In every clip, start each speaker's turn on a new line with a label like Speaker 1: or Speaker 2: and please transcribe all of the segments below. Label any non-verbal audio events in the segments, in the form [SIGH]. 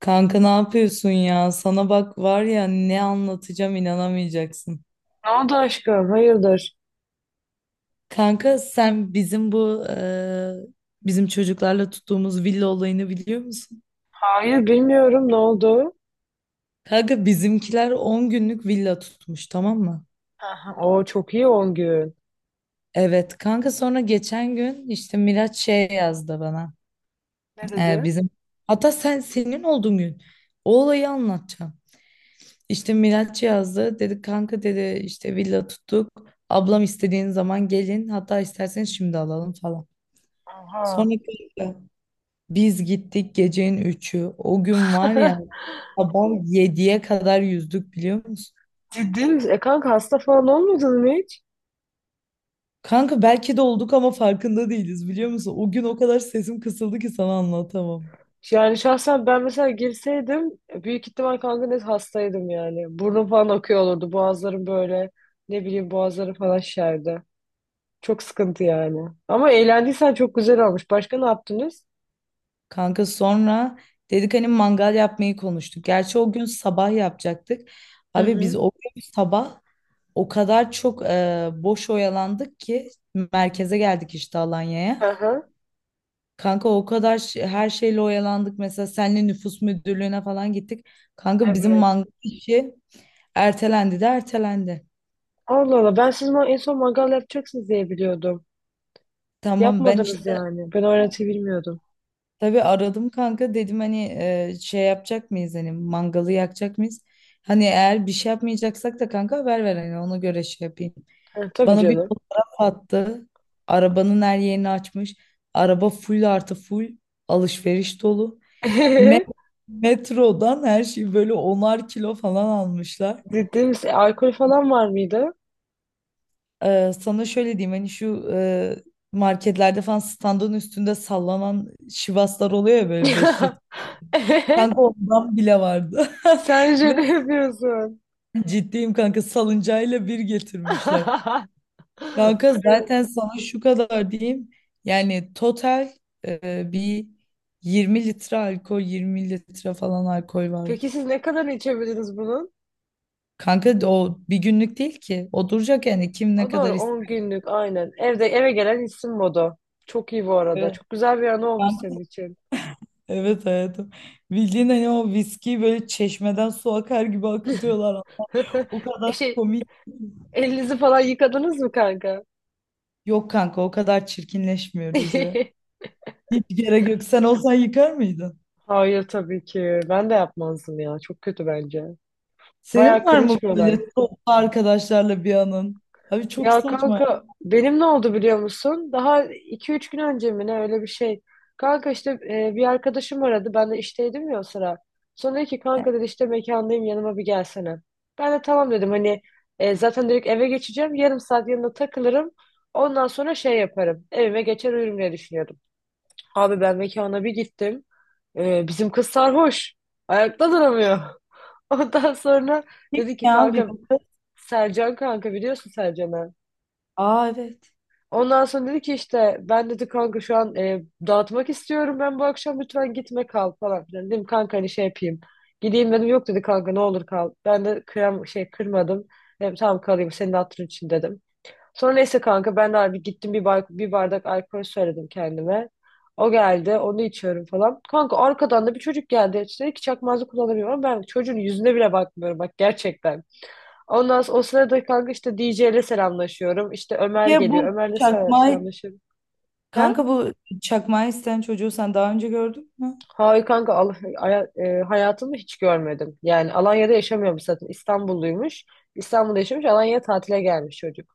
Speaker 1: Kanka ne yapıyorsun ya? Sana bak var ya ne anlatacağım inanamayacaksın.
Speaker 2: Ne oldu aşkım? Hayırdır?
Speaker 1: Kanka sen bizim bu bizim çocuklarla tuttuğumuz villa olayını biliyor musun?
Speaker 2: Hayır bilmiyorum ne oldu?
Speaker 1: Kanka bizimkiler 10 günlük villa tutmuş tamam mı?
Speaker 2: Aha, o çok iyi 10 gün.
Speaker 1: Evet kanka sonra geçen gün işte Miraç şey yazdı bana.
Speaker 2: Ne
Speaker 1: Eee,
Speaker 2: dedi?
Speaker 1: bizim hatta senin olduğun gün o olayı anlatacağım. İşte Miraç yazdı. Dedi kanka, dedi işte villa tuttuk. Ablam istediğin zaman gelin. Hatta isterseniz şimdi alalım falan. Sonra
Speaker 2: Aha.
Speaker 1: kanka biz gittik gecenin 3'ü, o gün var ya,
Speaker 2: [LAUGHS]
Speaker 1: sabah 7'ye kadar yüzdük biliyor musun?
Speaker 2: Ciddi misin? E kanka hasta falan olmadın mı hiç?
Speaker 1: Kanka belki de olduk ama farkında değiliz biliyor musun? O gün o kadar sesim kısıldı ki sana anlatamam.
Speaker 2: Yani şahsen ben mesela girseydim büyük ihtimal kanka net hastaydım yani. Burnum falan akıyor olurdu. Boğazlarım böyle ne bileyim boğazları falan şişerdi. Çok sıkıntı yani. Ama eğlendiysen çok güzel olmuş. Başka ne yaptınız?
Speaker 1: Kanka sonra dedik hani mangal yapmayı konuştuk. Gerçi o gün sabah yapacaktık.
Speaker 2: Hı
Speaker 1: Abi biz
Speaker 2: hı.
Speaker 1: o gün sabah, o kadar çok boş oyalandık ki merkeze geldik işte, Alanya'ya.
Speaker 2: Aha.
Speaker 1: Kanka o kadar her şeyle oyalandık. Mesela senle nüfus müdürlüğüne falan gittik. Kanka bizim
Speaker 2: Evet.
Speaker 1: mangal işi ertelendi de ertelendi.
Speaker 2: Allah Allah ben siz ma- en son mangal yapacaksınız diye biliyordum.
Speaker 1: Tamam ben
Speaker 2: Yapmadınız
Speaker 1: işte
Speaker 2: yani. Ben o öğretiyi bilmiyordum.
Speaker 1: tabii aradım kanka, dedim hani şey yapacak mıyız, hani mangalı yakacak mıyız? Hani eğer bir şey yapmayacaksak da kanka haber ver, hani ona göre şey yapayım.
Speaker 2: Ha, tabii
Speaker 1: Bana bir
Speaker 2: canım.
Speaker 1: fotoğraf attı. Arabanın her yerini açmış. Araba full artı full alışveriş dolu. Me-
Speaker 2: [LAUGHS]
Speaker 1: metrodan her şeyi böyle onar kilo falan almışlar.
Speaker 2: Ciddi misin? Alkol falan var mıydı?
Speaker 1: Sana şöyle diyeyim, hani şu marketlerde falan standın üstünde sallanan şivaslar oluyor ya böyle, 5 litre.
Speaker 2: [LAUGHS]
Speaker 1: Kanka ondan bile vardı.
Speaker 2: Sen
Speaker 1: [LAUGHS] Ve
Speaker 2: şaka yapıyorsun.
Speaker 1: ciddiyim kanka, salıncayla bir getirmişler.
Speaker 2: [LAUGHS]
Speaker 1: Kanka zaten sana şu kadar diyeyim. Yani total bir 20 litre alkol, 20 litre falan alkol vardı.
Speaker 2: Peki siz ne kadar içebildiniz bunun?
Speaker 1: Kanka de o bir günlük değil ki. O duracak yani, kim ne
Speaker 2: O
Speaker 1: kadar
Speaker 2: doğru on
Speaker 1: ister.
Speaker 2: günlük aynen. Evde eve gelen içsin modu. Çok iyi bu arada.
Speaker 1: Evet,
Speaker 2: Çok güzel bir anı olmuş senin için.
Speaker 1: evet hayatım. Bildiğin hani o viskiyi böyle çeşmeden su akar gibi akıtıyorlar. O
Speaker 2: [LAUGHS] E
Speaker 1: kadar
Speaker 2: şey,
Speaker 1: komik.
Speaker 2: elinizi falan yıkadınız mı kanka?
Speaker 1: Yok kanka o kadar çirkinleşmiyoruz ya.
Speaker 2: [LAUGHS]
Speaker 1: Hiç gerek yok. Sen olsan yıkar mıydın?
Speaker 2: Hayır tabii ki. Ben de yapmazdım ya. Çok kötü bence.
Speaker 1: Senin
Speaker 2: Bayağı
Speaker 1: var
Speaker 2: cringe
Speaker 1: mı
Speaker 2: bir olay.
Speaker 1: böyle toplu arkadaşlarla bir anın? Abi çok
Speaker 2: Ya
Speaker 1: saçma.
Speaker 2: kanka benim ne oldu biliyor musun? Daha iki üç gün önce mi ne öyle bir şey. Kanka işte bir arkadaşım aradı. Ben de işteydim ya o sıra. Sonra dedi ki kanka dedi işte mekandayım yanıma bir gelsene. Ben de tamam dedim hani zaten direkt eve geçeceğim. Yarım saat yanında takılırım. Ondan sonra şey yaparım. Evime geçer uyurum diye düşünüyordum. Abi ben mekana bir gittim. E, bizim kız sarhoş. Ayakta duramıyor. [LAUGHS] Ondan sonra
Speaker 1: Kim
Speaker 2: dedi ki
Speaker 1: ya
Speaker 2: kanka
Speaker 1: bizim kız?
Speaker 2: Sercan kanka biliyorsun Sercan'ı.
Speaker 1: Aa, evet.
Speaker 2: Ondan sonra dedi ki işte ben dedi kanka şu an dağıtmak istiyorum ben bu akşam lütfen gitme kal falan filan. Dedim kanka hani şey yapayım. Gideyim dedim yok dedi kanka ne olur kal. Ben de kıyam şey kırmadım. Dedim tamam kalayım senin hatırın için dedim. Sonra neyse kanka ben de abi gittim bir, bay- bir bardak alkol söyledim kendime. O geldi onu içiyorum falan. Kanka arkadan da bir çocuk geldi. İşte dedi ki çakmazı kullanamıyorum. Ben çocuğun yüzüne bile bakmıyorum bak gerçekten. Ondan sonra o sırada kanka işte DJ ile selamlaşıyorum. İşte Ömer
Speaker 1: Ya
Speaker 2: geliyor. Ömer'le sel- selamlaşıyorum. He?
Speaker 1: bu çakmağı isteyen çocuğu sen daha önce gördün mü?
Speaker 2: Hayır kanka Al aya- hayatımı hiç görmedim. Yani Alanya'da yaşamıyormuş zaten. İstanbulluymuş. İstanbul'da yaşamış. Alanya'ya tatile gelmiş çocuk.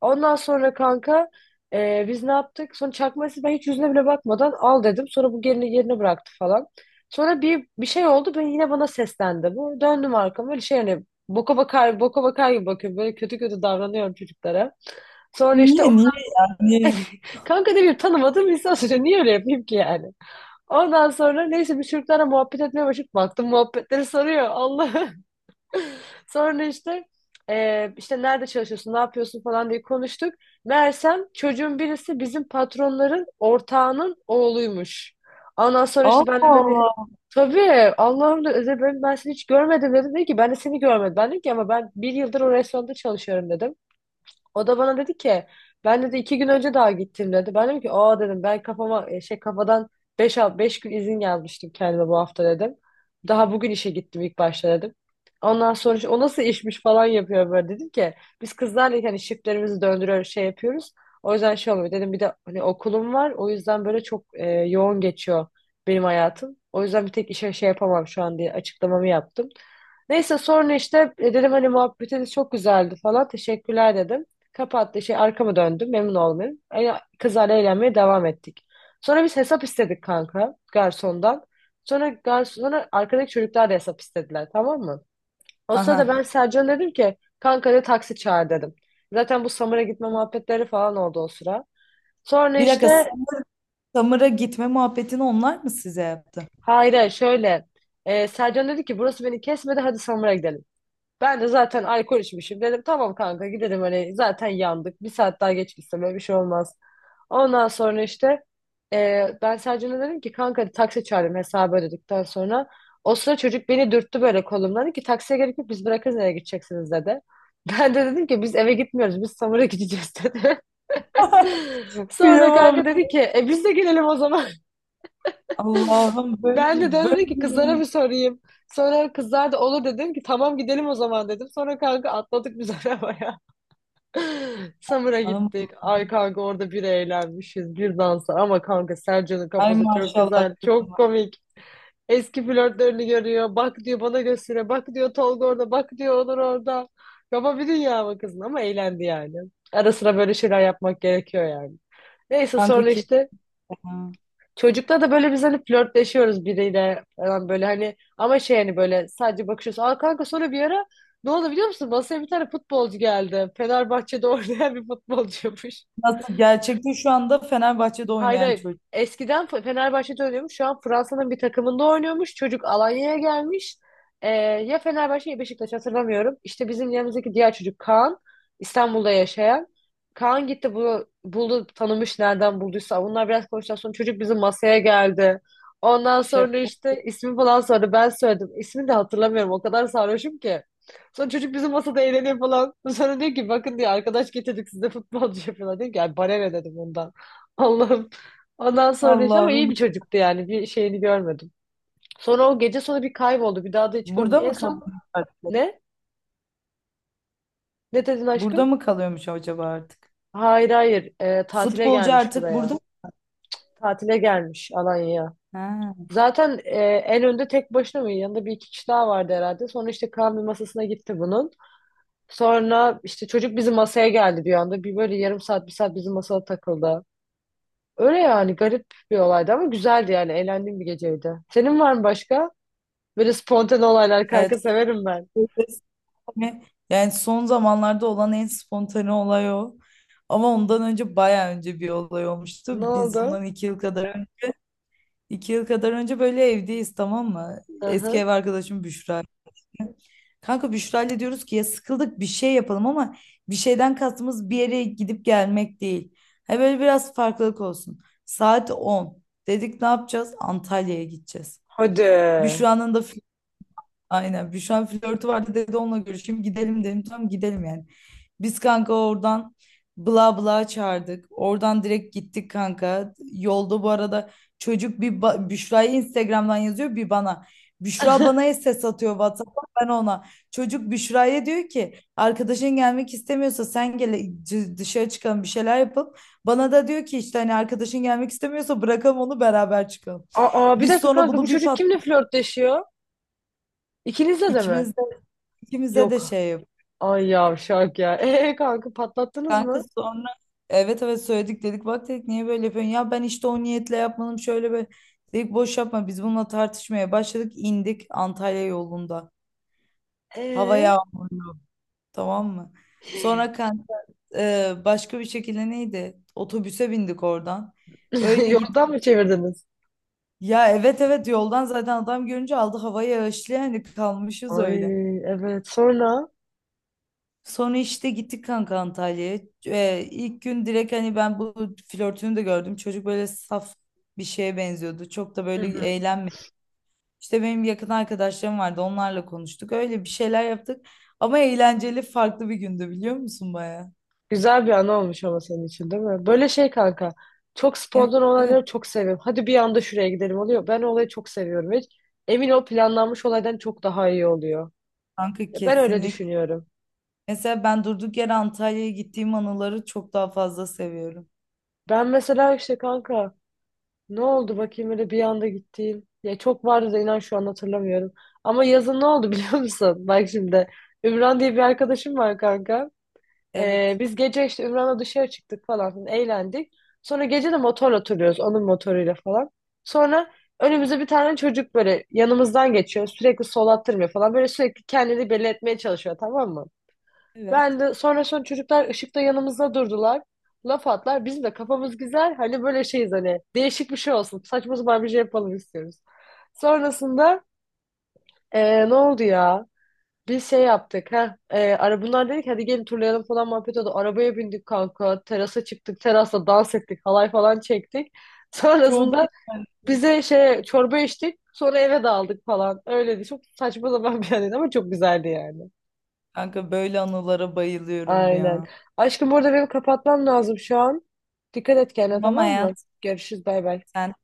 Speaker 2: Ondan sonra kanka biz ne yaptık? Sonra çakması ben hiç yüzüne bile bakmadan al dedim. Sonra bu gelini yerine bıraktı falan. Sonra bir şey oldu. Ben yine bana seslendi bu. Döndüm arkama böyle şey hani boka bakar boka bakar gibi bakıyorum. Böyle kötü kötü davranıyorum çocuklara. Sonra işte
Speaker 1: Niye
Speaker 2: o-
Speaker 1: niye yani?
Speaker 2: [LAUGHS] kanka ne bileyim tanımadığım insan söylüyor. Niye öyle yapayım ki yani? Ondan sonra neyse biz Türklerle muhabbet etmeye başladık. Baktım muhabbetleri sarıyor. Allah. [LAUGHS] Sonra işte işte nerede çalışıyorsun, ne yapıyorsun falan diye konuştuk. Meğersem çocuğun birisi bizim patronların ortağının oğluymuş. Ondan sonra
Speaker 1: Allah
Speaker 2: işte ben de böyle
Speaker 1: Allah.
Speaker 2: tabii Allah'ım da Özel ben seni hiç görmedim dedim. Dedi ki ben de seni görmedim. Ben dedim ki ama ben bir yıldır o restoranda çalışıyorum dedim. O da bana dedi ki ben dedi iki gün önce daha gittim dedi. Ben dedim ki aa dedim ben kafama şey kafadan 5 beş gün izin yazmıştım kendime bu hafta dedim. Daha bugün işe gittim ilk başta dedim. Ondan sonra işte, o nasıl işmiş falan yapıyor böyle dedim ki biz kızlarla hani shiftlerimizi döndürüyoruz şey yapıyoruz. O yüzden şey olmuyor dedim bir de hani okulum var o yüzden böyle çok yoğun geçiyor benim hayatım. O yüzden bir tek işe şey yapamam şu an diye açıklamamı yaptım. Neyse sonra işte dedim hani muhabbetiniz çok güzeldi falan. Teşekkürler dedim. Kapattı şey arkama döndüm. Memnun oldum. Yani kızlarla eğlenmeye devam ettik. Sonra biz hesap istedik kanka garsondan. Sonra garson, sonra arkadaki çocuklar da hesap istediler tamam mı? O sırada
Speaker 1: Aha.
Speaker 2: ben Sercan'a dedim ki kanka de taksi çağır dedim. Zaten bu Samur'a gitme muhabbetleri falan oldu o sıra. Sonra
Speaker 1: Bir dakika,
Speaker 2: işte
Speaker 1: Samır'a gitme muhabbetini onlar mı size yaptı?
Speaker 2: hayır şöyle Sercan dedi ki burası beni kesmedi hadi Samur'a gidelim. Ben de zaten alkol içmişim. Dedim tamam kanka gidelim hani zaten yandık. Bir saat daha geç gitsem öyle bir şey olmaz. Ondan sonra işte ben Sercan'a dedim ki kanka hadi taksi çağırayım hesabı ödedikten sonra. O sıra çocuk beni dürttü böyle kolumdan. Dedi ki taksiye gerek yok biz bırakırız nereye gideceksiniz dedi. [LAUGHS] Ben de dedim ki biz eve gitmiyoruz biz Samur'a gideceğiz dedi. [LAUGHS] Sonra
Speaker 1: Kıyamam.
Speaker 2: kanka dedi ki biz de gelelim o zaman.
Speaker 1: Allah'ım,
Speaker 2: Ben de
Speaker 1: böyle
Speaker 2: döndüm ki kızlara
Speaker 1: böyle.
Speaker 2: bir sorayım. Sonra kızlar da olur dedim ki tamam gidelim o zaman dedim. Sonra kanka atladık biz [LAUGHS] arabaya. Samur'a gittik.
Speaker 1: Allah'ım.
Speaker 2: Ay kanka orada bir eğlenmişiz bir dansa. Ama kanka Sercan'ın
Speaker 1: Ay
Speaker 2: kafası çok
Speaker 1: maşallah
Speaker 2: güzel. Çok
Speaker 1: kızıma.
Speaker 2: komik. Eski flörtlerini görüyor. Bak diyor bana göstere. Bak diyor Tolga orada. Bak diyor Onur orada. Kafa bir dünya mı kızın ama eğlendi yani. Ara sıra böyle şeyler yapmak gerekiyor yani. Neyse
Speaker 1: Kanka
Speaker 2: sonra işte
Speaker 1: kesin.
Speaker 2: çocukla da böyle biz hani flörtleşiyoruz biriyle falan böyle hani ama şey hani böyle sadece bakışıyoruz. Aa kanka sonra bir ara ne oldu biliyor musun? Masaya bir tane futbolcu geldi. Fenerbahçe'de [LAUGHS] oynayan bir futbolcuymuş.
Speaker 1: Nasıl, gerçekte şu anda Fenerbahçe'de
Speaker 2: Hayır
Speaker 1: oynayan
Speaker 2: hayır.
Speaker 1: çocuk.
Speaker 2: Eskiden Fe- Fenerbahçe'de oynuyormuş. Şu an Fransa'nın bir takımında oynuyormuş. Çocuk Alanya'ya gelmiş. Ya Fenerbahçe ya Beşiktaş hatırlamıyorum. İşte bizim yanımızdaki diğer çocuk Kaan. İstanbul'da yaşayan. Kaan gitti bunu buldu tanımış nereden bulduysa. Bunlar biraz konuştuktan sonra çocuk bizim masaya geldi. Ondan sonra
Speaker 1: Şaka.
Speaker 2: işte ismi falan sordu. Ben söyledim. İsmini de hatırlamıyorum. O kadar sarhoşum ki. Sonra çocuk bizim masada eğleniyor falan. Sonra diyor ki bakın diyor arkadaş getirdik size futbolcu yapıyorlar. Diyor ki "Ay, bana ne dedim ondan. Allah'ım. Ondan sonra işte ama iyi bir
Speaker 1: Allah'ım.
Speaker 2: çocuktu yani. Bir şeyini görmedim. Sonra o gece sonra bir kayboldu. Bir daha da hiç
Speaker 1: Burada
Speaker 2: görmedim. En
Speaker 1: mı
Speaker 2: son
Speaker 1: kalıyormuş artık?
Speaker 2: ne? Ne dedin
Speaker 1: Burada
Speaker 2: aşkım?
Speaker 1: mı kalıyormuş acaba artık?
Speaker 2: Hayır hayır. Tatile
Speaker 1: Futbolcu
Speaker 2: gelmiş
Speaker 1: artık burada
Speaker 2: buraya.
Speaker 1: mı?
Speaker 2: Tatile gelmiş Alanya'ya.
Speaker 1: Ha.
Speaker 2: Zaten en önde tek başına mı? Yanında bir iki kişi daha vardı herhalde. Sonra işte Kaan bir masasına gitti bunun. Sonra işte çocuk bizim masaya geldi bir anda. Bir böyle yarım saat bir saat bizim masada takıldı. Öyle yani garip bir olaydı ama güzeldi yani. Eğlendiğim bir geceydi. Senin var mı başka? Böyle spontane olaylar kanka
Speaker 1: Evet.
Speaker 2: severim ben.
Speaker 1: Yani son zamanlarda olan en spontane olay o. Ama ondan önce bayağı önce bir olay olmuştu.
Speaker 2: Ne
Speaker 1: Biz
Speaker 2: oldu?
Speaker 1: bundan iki yıl kadar önce böyle evdeyiz tamam mı? Eski
Speaker 2: Aha.
Speaker 1: ev arkadaşım Büşra. Kanka Büşra diyoruz ki ya sıkıldık, bir şey yapalım, ama bir şeyden kastımız bir yere gidip gelmek değil. Ha, böyle biraz farklılık olsun. Saat 10 dedik, ne yapacağız? Antalya'ya gideceğiz.
Speaker 2: Hadi.
Speaker 1: Büşra'nın da. Aynen. Büşra flörtü vardı, dedi onunla görüşeyim. Gidelim dedim. Tamam, gidelim yani. Biz kanka oradan bla bla çağırdık. Oradan direkt gittik kanka. Yolda bu arada çocuk bir Büşra'ya Instagram'dan yazıyor, bir bana. Büşra
Speaker 2: [LAUGHS]
Speaker 1: bana ses atıyor WhatsApp'tan, ben ona. Çocuk Büşra'ya diyor ki arkadaşın gelmek istemiyorsa sen gel, dışarı çıkalım bir şeyler yapalım. Bana da diyor ki işte, hani arkadaşın gelmek istemiyorsa, bırakalım onu beraber çıkalım.
Speaker 2: Aa bir
Speaker 1: Biz
Speaker 2: dakika
Speaker 1: sonra
Speaker 2: kanka bu
Speaker 1: bunu bir
Speaker 2: çocuk
Speaker 1: pat,
Speaker 2: kimle flörtleşiyor? İkinizle de mi?
Speaker 1: ikimiz de, ikimize de
Speaker 2: Yok.
Speaker 1: şey.
Speaker 2: Ay yavşak ya. Kanka patlattınız
Speaker 1: Kanka
Speaker 2: mı?
Speaker 1: sonra evet evet söyledik, dedik bak, dedik niye böyle yapıyorsun ya, ben işte o niyetle yapmadım şöyle böyle, dedik boş yapma. Biz bununla tartışmaya başladık, indik, Antalya yolunda, hava
Speaker 2: Ee?
Speaker 1: yağmurlu, tamam mı? Sonra kanka başka bir şekilde neydi, otobüse bindik oradan
Speaker 2: [LAUGHS]
Speaker 1: öyle git,
Speaker 2: Yoldan mı çevirdiniz?
Speaker 1: ya evet evet yoldan zaten, adam görünce aldı havayı, yağışlı yani, kalmışız
Speaker 2: Ay
Speaker 1: öyle.
Speaker 2: evet sonra.
Speaker 1: Sonra işte gittik kanka Antalya'ya. İlk gün direkt hani ben bu flörtünü de gördüm. Çocuk böyle saf bir şeye benziyordu. Çok da
Speaker 2: Hı
Speaker 1: böyle
Speaker 2: hı.
Speaker 1: eğlenmedi. İşte benim yakın arkadaşlarım vardı. Onlarla konuştuk. Öyle bir şeyler yaptık. Ama eğlenceli, farklı bir gündü biliyor musun baya?
Speaker 2: Güzel bir an olmuş ama senin için değil mi? Böyle şey kanka. Çok
Speaker 1: Evet,
Speaker 2: spontan
Speaker 1: evet
Speaker 2: olayları çok seviyorum. Hadi bir anda şuraya gidelim oluyor. Ben o olayı çok seviyorum. Hiç. Emin ol planlanmış olaydan çok daha iyi oluyor.
Speaker 1: kanka,
Speaker 2: Ya ben öyle
Speaker 1: kesinlikle.
Speaker 2: düşünüyorum.
Speaker 1: Mesela ben durduk yere Antalya'ya gittiğim anıları çok daha fazla seviyorum.
Speaker 2: Ben mesela işte kanka ne oldu bakayım öyle bir anda gittiğim. Ya çok vardı da inan şu an hatırlamıyorum. Ama yazın ne oldu biliyor musun? [LAUGHS] Bak şimdi Ümran diye bir arkadaşım var kanka.
Speaker 1: Evet,
Speaker 2: Biz gece işte Ümran'la dışarı çıktık falan filan, eğlendik. Sonra gece de motorla oturuyoruz onun motoruyla falan. Sonra önümüze bir tane çocuk böyle yanımızdan geçiyor. Sürekli sol attırmıyor falan. Böyle sürekli kendini belli etmeye çalışıyor tamam mı?
Speaker 1: evet.
Speaker 2: Ben de sonra çocuklar ışıkta yanımızda durdular. Laf atlar. Bizim de kafamız güzel. Hani böyle şeyiz hani. Değişik bir şey olsun. Saçma sapan bir şey yapalım istiyoruz. Sonrasında ne oldu ya? Bir şey yaptık. Heh, ara bunlar dedik hadi gelin turlayalım falan muhabbet oldu. Arabaya bindik kanka. Terasa çıktık. Terasta dans ettik. Halay falan çektik.
Speaker 1: Çok
Speaker 2: Sonrasında
Speaker 1: eğlenceli.
Speaker 2: bize şey çorba içtik. Sonra eve dağıldık falan. Öyleydi. Çok saçma zaman bir anıydı ama çok güzeldi yani.
Speaker 1: Kanka böyle anılara bayılıyorum
Speaker 2: Aynen.
Speaker 1: ya.
Speaker 2: Aşkım burada benim kapatmam lazım şu an. Dikkat et kendine
Speaker 1: Tamam
Speaker 2: tamam mı?
Speaker 1: hayat.
Speaker 2: Görüşürüz bay bay.
Speaker 1: Sen